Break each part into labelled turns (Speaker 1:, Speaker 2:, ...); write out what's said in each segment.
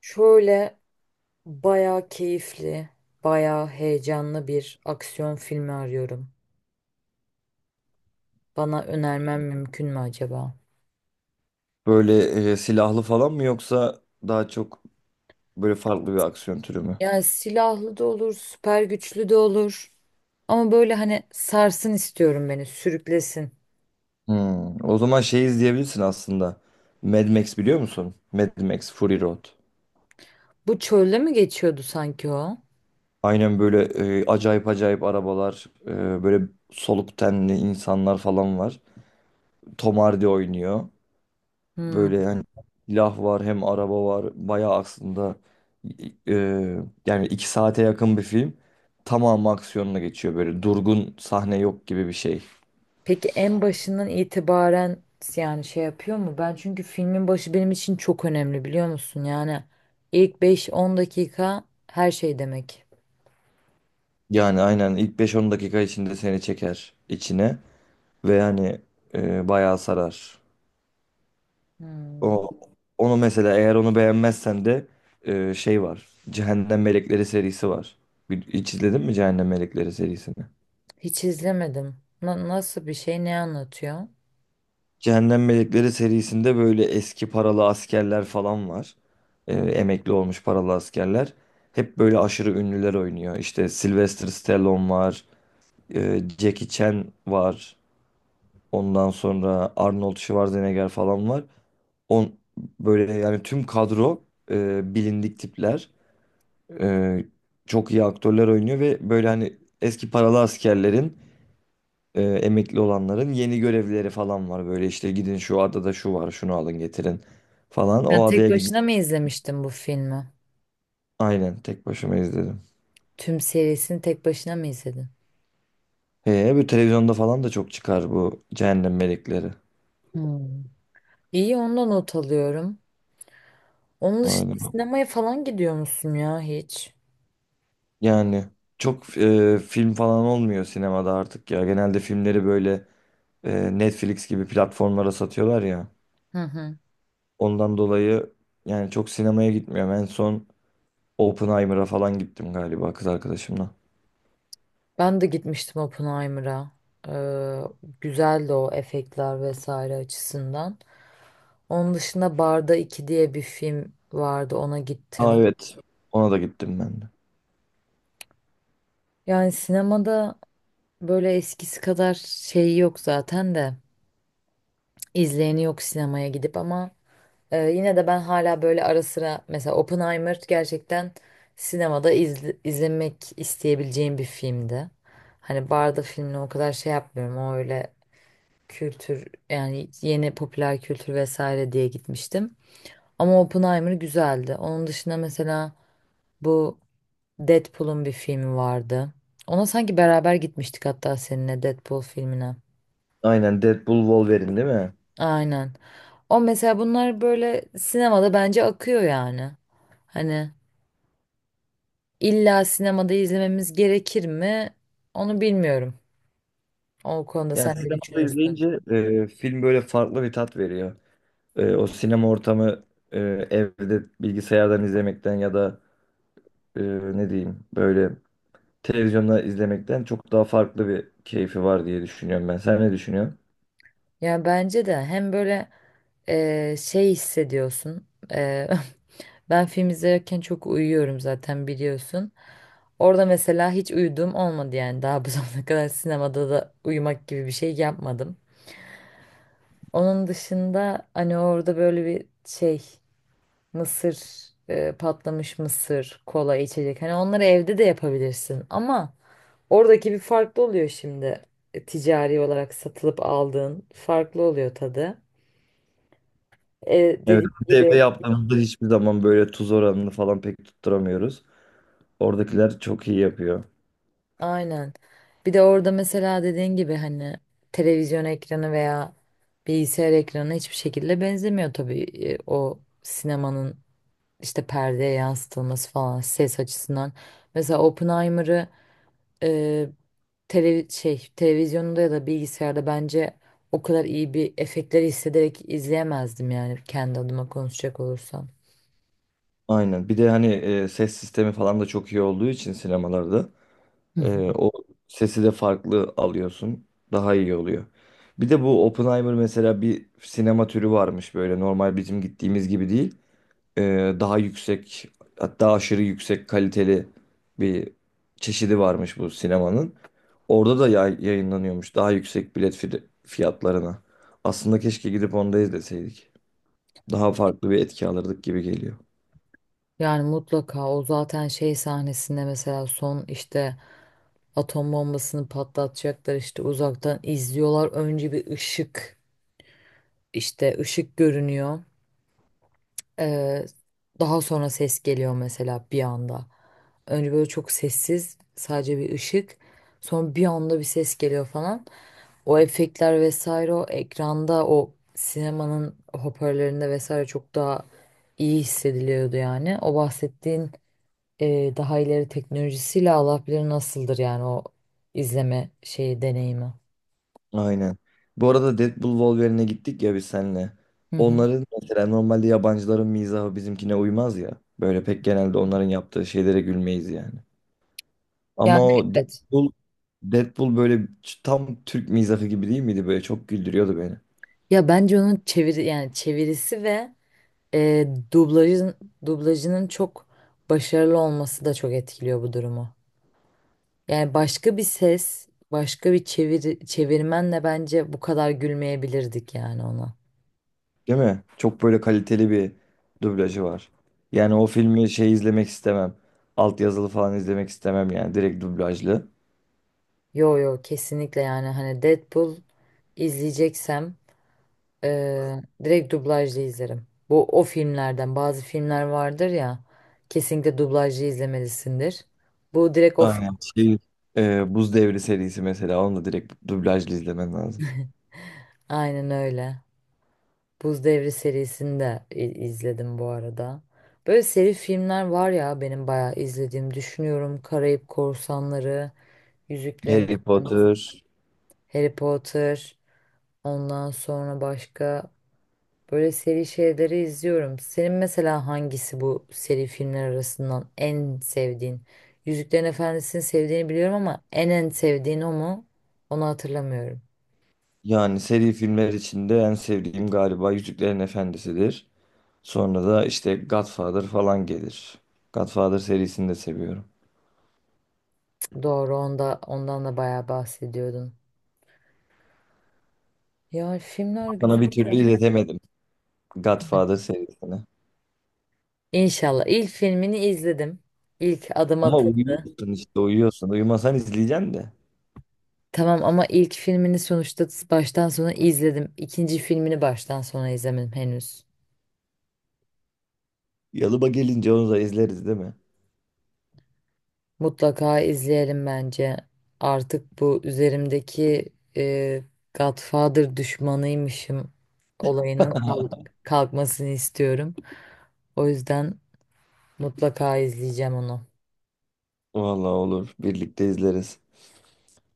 Speaker 1: Şöyle bayağı keyifli, bayağı heyecanlı bir aksiyon filmi arıyorum. Bana önermen mümkün mü acaba?
Speaker 2: Böyle silahlı falan mı yoksa daha çok böyle farklı bir aksiyon türü mü?
Speaker 1: Yani silahlı da olur, süper güçlü de olur. Ama böyle hani sarsın istiyorum beni, sürüklesin.
Speaker 2: Hmm. O zaman şey izleyebilirsin aslında. Mad Max biliyor musun? Mad Max Fury Road.
Speaker 1: Bu çölde mi geçiyordu sanki o?
Speaker 2: Aynen böyle acayip acayip arabalar, böyle soluk tenli insanlar falan var. Tom Hardy oynuyor.
Speaker 1: Hmm.
Speaker 2: Böyle hani silah var hem araba var. Bayağı aslında e, yani 2 saate yakın bir film. Tamamı aksiyonla geçiyor böyle durgun sahne yok gibi bir şey.
Speaker 1: Peki en başından itibaren yani şey yapıyor mu? Ben çünkü filmin başı benim için çok önemli biliyor musun? Yani ilk beş on dakika her şey demek.
Speaker 2: Yani aynen ilk beş on dakika içinde seni çeker içine ve yani bayağı sarar.
Speaker 1: Hmm.
Speaker 2: O onu mesela eğer onu beğenmezsen de şey var. Cehennem Melekleri serisi var. Hiç izledin mi Cehennem Melekleri serisini?
Speaker 1: Hiç izlemedim. Nasıl bir şey, ne anlatıyor?
Speaker 2: Cehennem Melekleri serisinde böyle eski paralı askerler falan var. Emekli olmuş paralı askerler. Hep böyle aşırı ünlüler oynuyor. İşte Sylvester Stallone var, Jackie Chan var. Ondan sonra Arnold Schwarzenegger falan var. On böyle yani tüm kadro bilindik tipler. E, çok iyi aktörler oynuyor ve böyle hani eski paralı askerlerin emekli olanların yeni görevleri falan var. Böyle işte gidin şu adada şu var, şunu alın getirin falan.
Speaker 1: Yani
Speaker 2: O
Speaker 1: tek
Speaker 2: adaya gidin.
Speaker 1: başına mı izlemiştin bu filmi?
Speaker 2: Aynen tek başıma izledim.
Speaker 1: Tüm serisini tek başına mı izledin?
Speaker 2: He, bu televizyonda falan da çok çıkar bu Cehennem Melekleri.
Speaker 1: Hmm. İyi, ondan not alıyorum. Onun dışında
Speaker 2: Aynen.
Speaker 1: sinemaya falan gidiyor musun ya hiç?
Speaker 2: Yani çok film falan olmuyor sinemada artık ya. Genelde filmleri böyle Netflix gibi platformlara satıyorlar ya.
Speaker 1: Hı hı.
Speaker 2: Ondan dolayı yani çok sinemaya gitmiyorum. En son Oppenheimer'a falan gittim galiba kız arkadaşımla.
Speaker 1: Ben de gitmiştim Oppenheimer'a. Ee, Güzeldi o efektler vesaire açısından. Onun dışında Barda 2 diye bir film vardı, ona
Speaker 2: Aa,
Speaker 1: gittim.
Speaker 2: evet. Ona da gittim ben de.
Speaker 1: Yani sinemada böyle eskisi kadar şey yok zaten de. İzleyeni yok sinemaya gidip, ama yine de ben hala böyle ara sıra, mesela Oppenheimer gerçekten sinemada izlemek isteyebileceğim bir filmdi. Hani barda filmle o kadar şey yapmıyorum. O öyle kültür yani yeni popüler kültür vesaire diye gitmiştim. Ama Oppenheimer güzeldi. Onun dışında mesela bu Deadpool'un bir filmi vardı. Ona sanki beraber gitmiştik hatta, seninle Deadpool filmine.
Speaker 2: Aynen, Deadpool Wolverine değil mi?
Speaker 1: Aynen. O mesela, bunlar böyle sinemada bence akıyor yani. Hani illa sinemada izlememiz gerekir mi? Onu bilmiyorum. O konuda
Speaker 2: Yani
Speaker 1: sen ne
Speaker 2: sinemada
Speaker 1: düşünürsün?
Speaker 2: izleyince film böyle farklı bir tat veriyor. O sinema ortamı e, evde bilgisayardan izlemekten ya da e, ne diyeyim böyle televizyonda izlemekten çok daha farklı bir keyfi var diye düşünüyorum ben. Sen ne düşünüyorsun?
Speaker 1: Ya bence de hem böyle şey hissediyorsun. Ben film izlerken çok uyuyorum zaten, biliyorsun. Orada mesela hiç uyuduğum olmadı, yani daha bu zamana kadar sinemada da uyumak gibi bir şey yapmadım. Onun dışında hani orada böyle bir şey, Mısır, patlamış mısır, kola, içecek. Hani onları evde de yapabilirsin ama oradaki bir farklı oluyor şimdi. Ticari olarak satılıp aldığın farklı oluyor tadı. E,
Speaker 2: Evet,
Speaker 1: Dediğim
Speaker 2: biz evde
Speaker 1: gibi,
Speaker 2: yaptığımızda hiçbir zaman böyle tuz oranını falan pek tutturamıyoruz. Oradakiler çok iyi yapıyor.
Speaker 1: aynen. Bir de orada mesela dediğin gibi, hani televizyon ekranı veya bilgisayar ekranı hiçbir şekilde benzemiyor tabii. O sinemanın işte perdeye yansıtılması falan, ses açısından. Mesela Oppenheimer'ı e, televizyonda ya da bilgisayarda bence o kadar iyi bir efektleri hissederek izleyemezdim yani, kendi adıma konuşacak olursam.
Speaker 2: Aynen. Bir de hani ses sistemi falan da çok iyi olduğu için sinemalarda
Speaker 1: Hı hı.
Speaker 2: o sesi de farklı alıyorsun. Daha iyi oluyor. Bir de bu Oppenheimer mesela bir sinema türü varmış, böyle normal bizim gittiğimiz gibi değil. E, daha yüksek, hatta aşırı yüksek kaliteli bir çeşidi varmış bu sinemanın. Orada da yayınlanıyormuş, daha yüksek bilet fiyatlarına. Aslında keşke gidip onu da izleseydik. Daha farklı bir etki alırdık gibi geliyor.
Speaker 1: Yani mutlaka, o zaten şey sahnesinde mesela son işte atom bombasını patlatacaklar, işte uzaktan izliyorlar. Önce bir ışık, işte ışık görünüyor. Ee, Daha sonra ses geliyor mesela bir anda. Önce böyle çok sessiz, sadece bir ışık. Sonra bir anda bir ses geliyor falan. O efektler vesaire, o ekranda, o sinemanın hoparlörlerinde vesaire çok daha iyi hissediliyordu yani. O bahsettiğin daha ileri teknolojisiyle Allah bilir nasıldır, yani o izleme şeyi, deneyimi.
Speaker 2: Aynen. Bu arada Deadpool Wolverine'e gittik ya biz seninle.
Speaker 1: Hı hı.
Speaker 2: Onların, mesela, normalde yabancıların mizahı bizimkine uymaz ya. Böyle pek genelde onların yaptığı şeylere gülmeyiz yani. Ama
Speaker 1: Yani
Speaker 2: o
Speaker 1: evet.
Speaker 2: Deadpool böyle tam Türk mizahı gibi değil miydi? Böyle çok güldürüyordu beni.
Speaker 1: Ya bence onun yani çevirisi ve e, dublajın dublajının çok başarılı olması da çok etkiliyor bu durumu. Yani başka bir ses, başka bir çevirmenle bence bu kadar gülmeyebilirdik yani ona.
Speaker 2: Değil mi? Çok böyle kaliteli bir dublajı var. Yani o filmi şey izlemek istemem. Altyazılı falan izlemek istemem, yani direkt dublajlı.
Speaker 1: Yo yo, kesinlikle. Yani hani Deadpool izleyeceksem direkt dublajlı izlerim. Bu, o filmlerden, bazı filmler vardır ya kesinlikle dublajlı izlemelisindir. Bu direkt o
Speaker 2: Aynen.
Speaker 1: film.
Speaker 2: Şey, Buz Devri serisi mesela, onu da direkt dublajlı izlemen lazım.
Speaker 1: Aynen öyle. Buz Devri serisini de izledim bu arada. Böyle seri filmler var ya, benim bayağı izlediğim, düşünüyorum. Karayip Korsanları, Yüzüklerin
Speaker 2: Harry
Speaker 1: Efendisi,
Speaker 2: Potter.
Speaker 1: Harry Potter, ondan sonra başka böyle seri şeyleri izliyorum. Senin mesela hangisi bu seri filmler arasından en sevdiğin? Yüzüklerin Efendisi'ni sevdiğini biliyorum ama en sevdiğin o mu? Onu hatırlamıyorum.
Speaker 2: Yani seri filmler içinde en sevdiğim galiba Yüzüklerin Efendisi'dir. Sonra da işte Godfather falan gelir. Godfather serisini de seviyorum.
Speaker 1: Doğru, ondan da bayağı bahsediyordun. Ya, filmler
Speaker 2: Sana bir türlü
Speaker 1: güzel.
Speaker 2: izletemedim Godfather serisini.
Speaker 1: İnşallah. İlk filmini izledim. İlk adım
Speaker 2: Ama
Speaker 1: atıldı.
Speaker 2: uyuyorsun işte, uyuyorsun. Uyumasan izleyeceksin de.
Speaker 1: Tamam ama ilk filmini sonuçta baştan sona izledim. İkinci filmini baştan sona izlemedim henüz.
Speaker 2: Yalıba gelince onu da izleriz, değil mi?
Speaker 1: Mutlaka izleyelim bence. Artık bu üzerimdeki Godfather düşmanıymışım olayının kalkmasını istiyorum. O yüzden mutlaka izleyeceğim onu.
Speaker 2: Vallahi olur. Birlikte izleriz.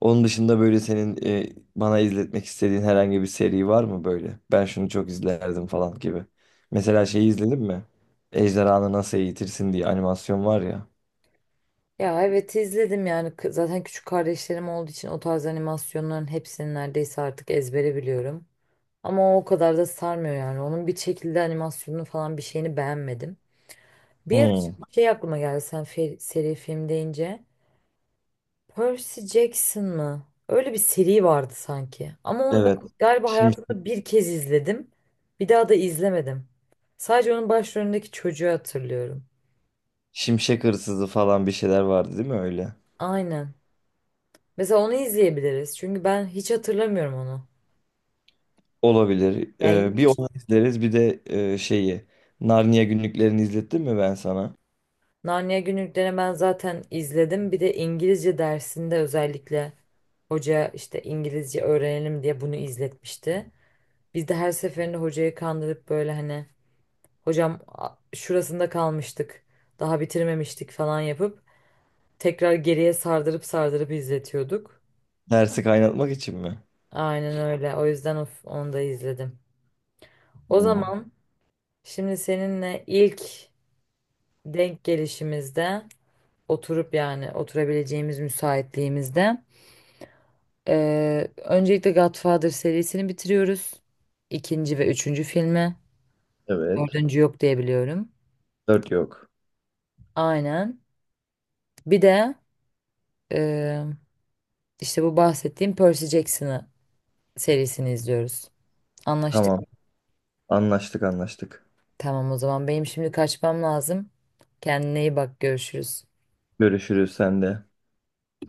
Speaker 2: Onun dışında böyle senin bana izletmek istediğin herhangi bir seri var mı böyle? Ben şunu çok izlerdim falan gibi. Mesela şeyi izledin mi? Ejderhanı Nasıl Eğitirsin diye animasyon var ya.
Speaker 1: Ya evet, izledim. Yani zaten küçük kardeşlerim olduğu için o tarz animasyonların hepsini neredeyse artık ezbere biliyorum. Ama o kadar da sarmıyor yani. Onun bir şekilde animasyonunu falan, bir şeyini beğenmedim. Bir ara
Speaker 2: Hmm,
Speaker 1: şey aklıma geldi sen seri film deyince. Percy Jackson mı? Öyle bir seri vardı sanki. Ama onu
Speaker 2: evet.
Speaker 1: ben galiba
Speaker 2: Şimşek,
Speaker 1: hayatımda bir kez izledim. Bir daha da izlemedim. Sadece onun başrolündeki çocuğu hatırlıyorum.
Speaker 2: Şimşek Hırsızı falan bir şeyler vardı değil mi öyle?
Speaker 1: Aynen. Mesela onu izleyebiliriz. Çünkü ben hiç hatırlamıyorum onu.
Speaker 2: Olabilir. Ee,
Speaker 1: Yani
Speaker 2: bir onu izleriz, bir de şeyi. Narnia günlüklerini izlettim mi ben sana?
Speaker 1: Narnia Günlüklerini ben zaten izledim. Bir de İngilizce dersinde özellikle hoca işte, İngilizce öğrenelim diye bunu izletmişti. Biz de her seferinde hocayı kandırıp, böyle hani, hocam şurasında kalmıştık, daha bitirmemiştik falan yapıp tekrar geriye sardırıp sardırıp izletiyorduk.
Speaker 2: Dersi kaynatmak için mi?
Speaker 1: Aynen öyle. O yüzden of, onu da izledim. O
Speaker 2: Hmm,
Speaker 1: zaman şimdi seninle ilk denk gelişimizde, oturup yani oturabileceğimiz müsaitliğimizde, öncelikle Godfather serisini bitiriyoruz. İkinci ve üçüncü filmi.
Speaker 2: evet.
Speaker 1: Dördüncü yok diye biliyorum.
Speaker 2: Dört yok.
Speaker 1: Aynen. Bir de e, işte bu bahsettiğim Percy Jackson'ı, serisini izliyoruz. Anlaştık.
Speaker 2: Tamam. Anlaştık, anlaştık.
Speaker 1: Tamam, o zaman benim şimdi kaçmam lazım. Kendine iyi bak, görüşürüz.
Speaker 2: Görüşürüz, sen de.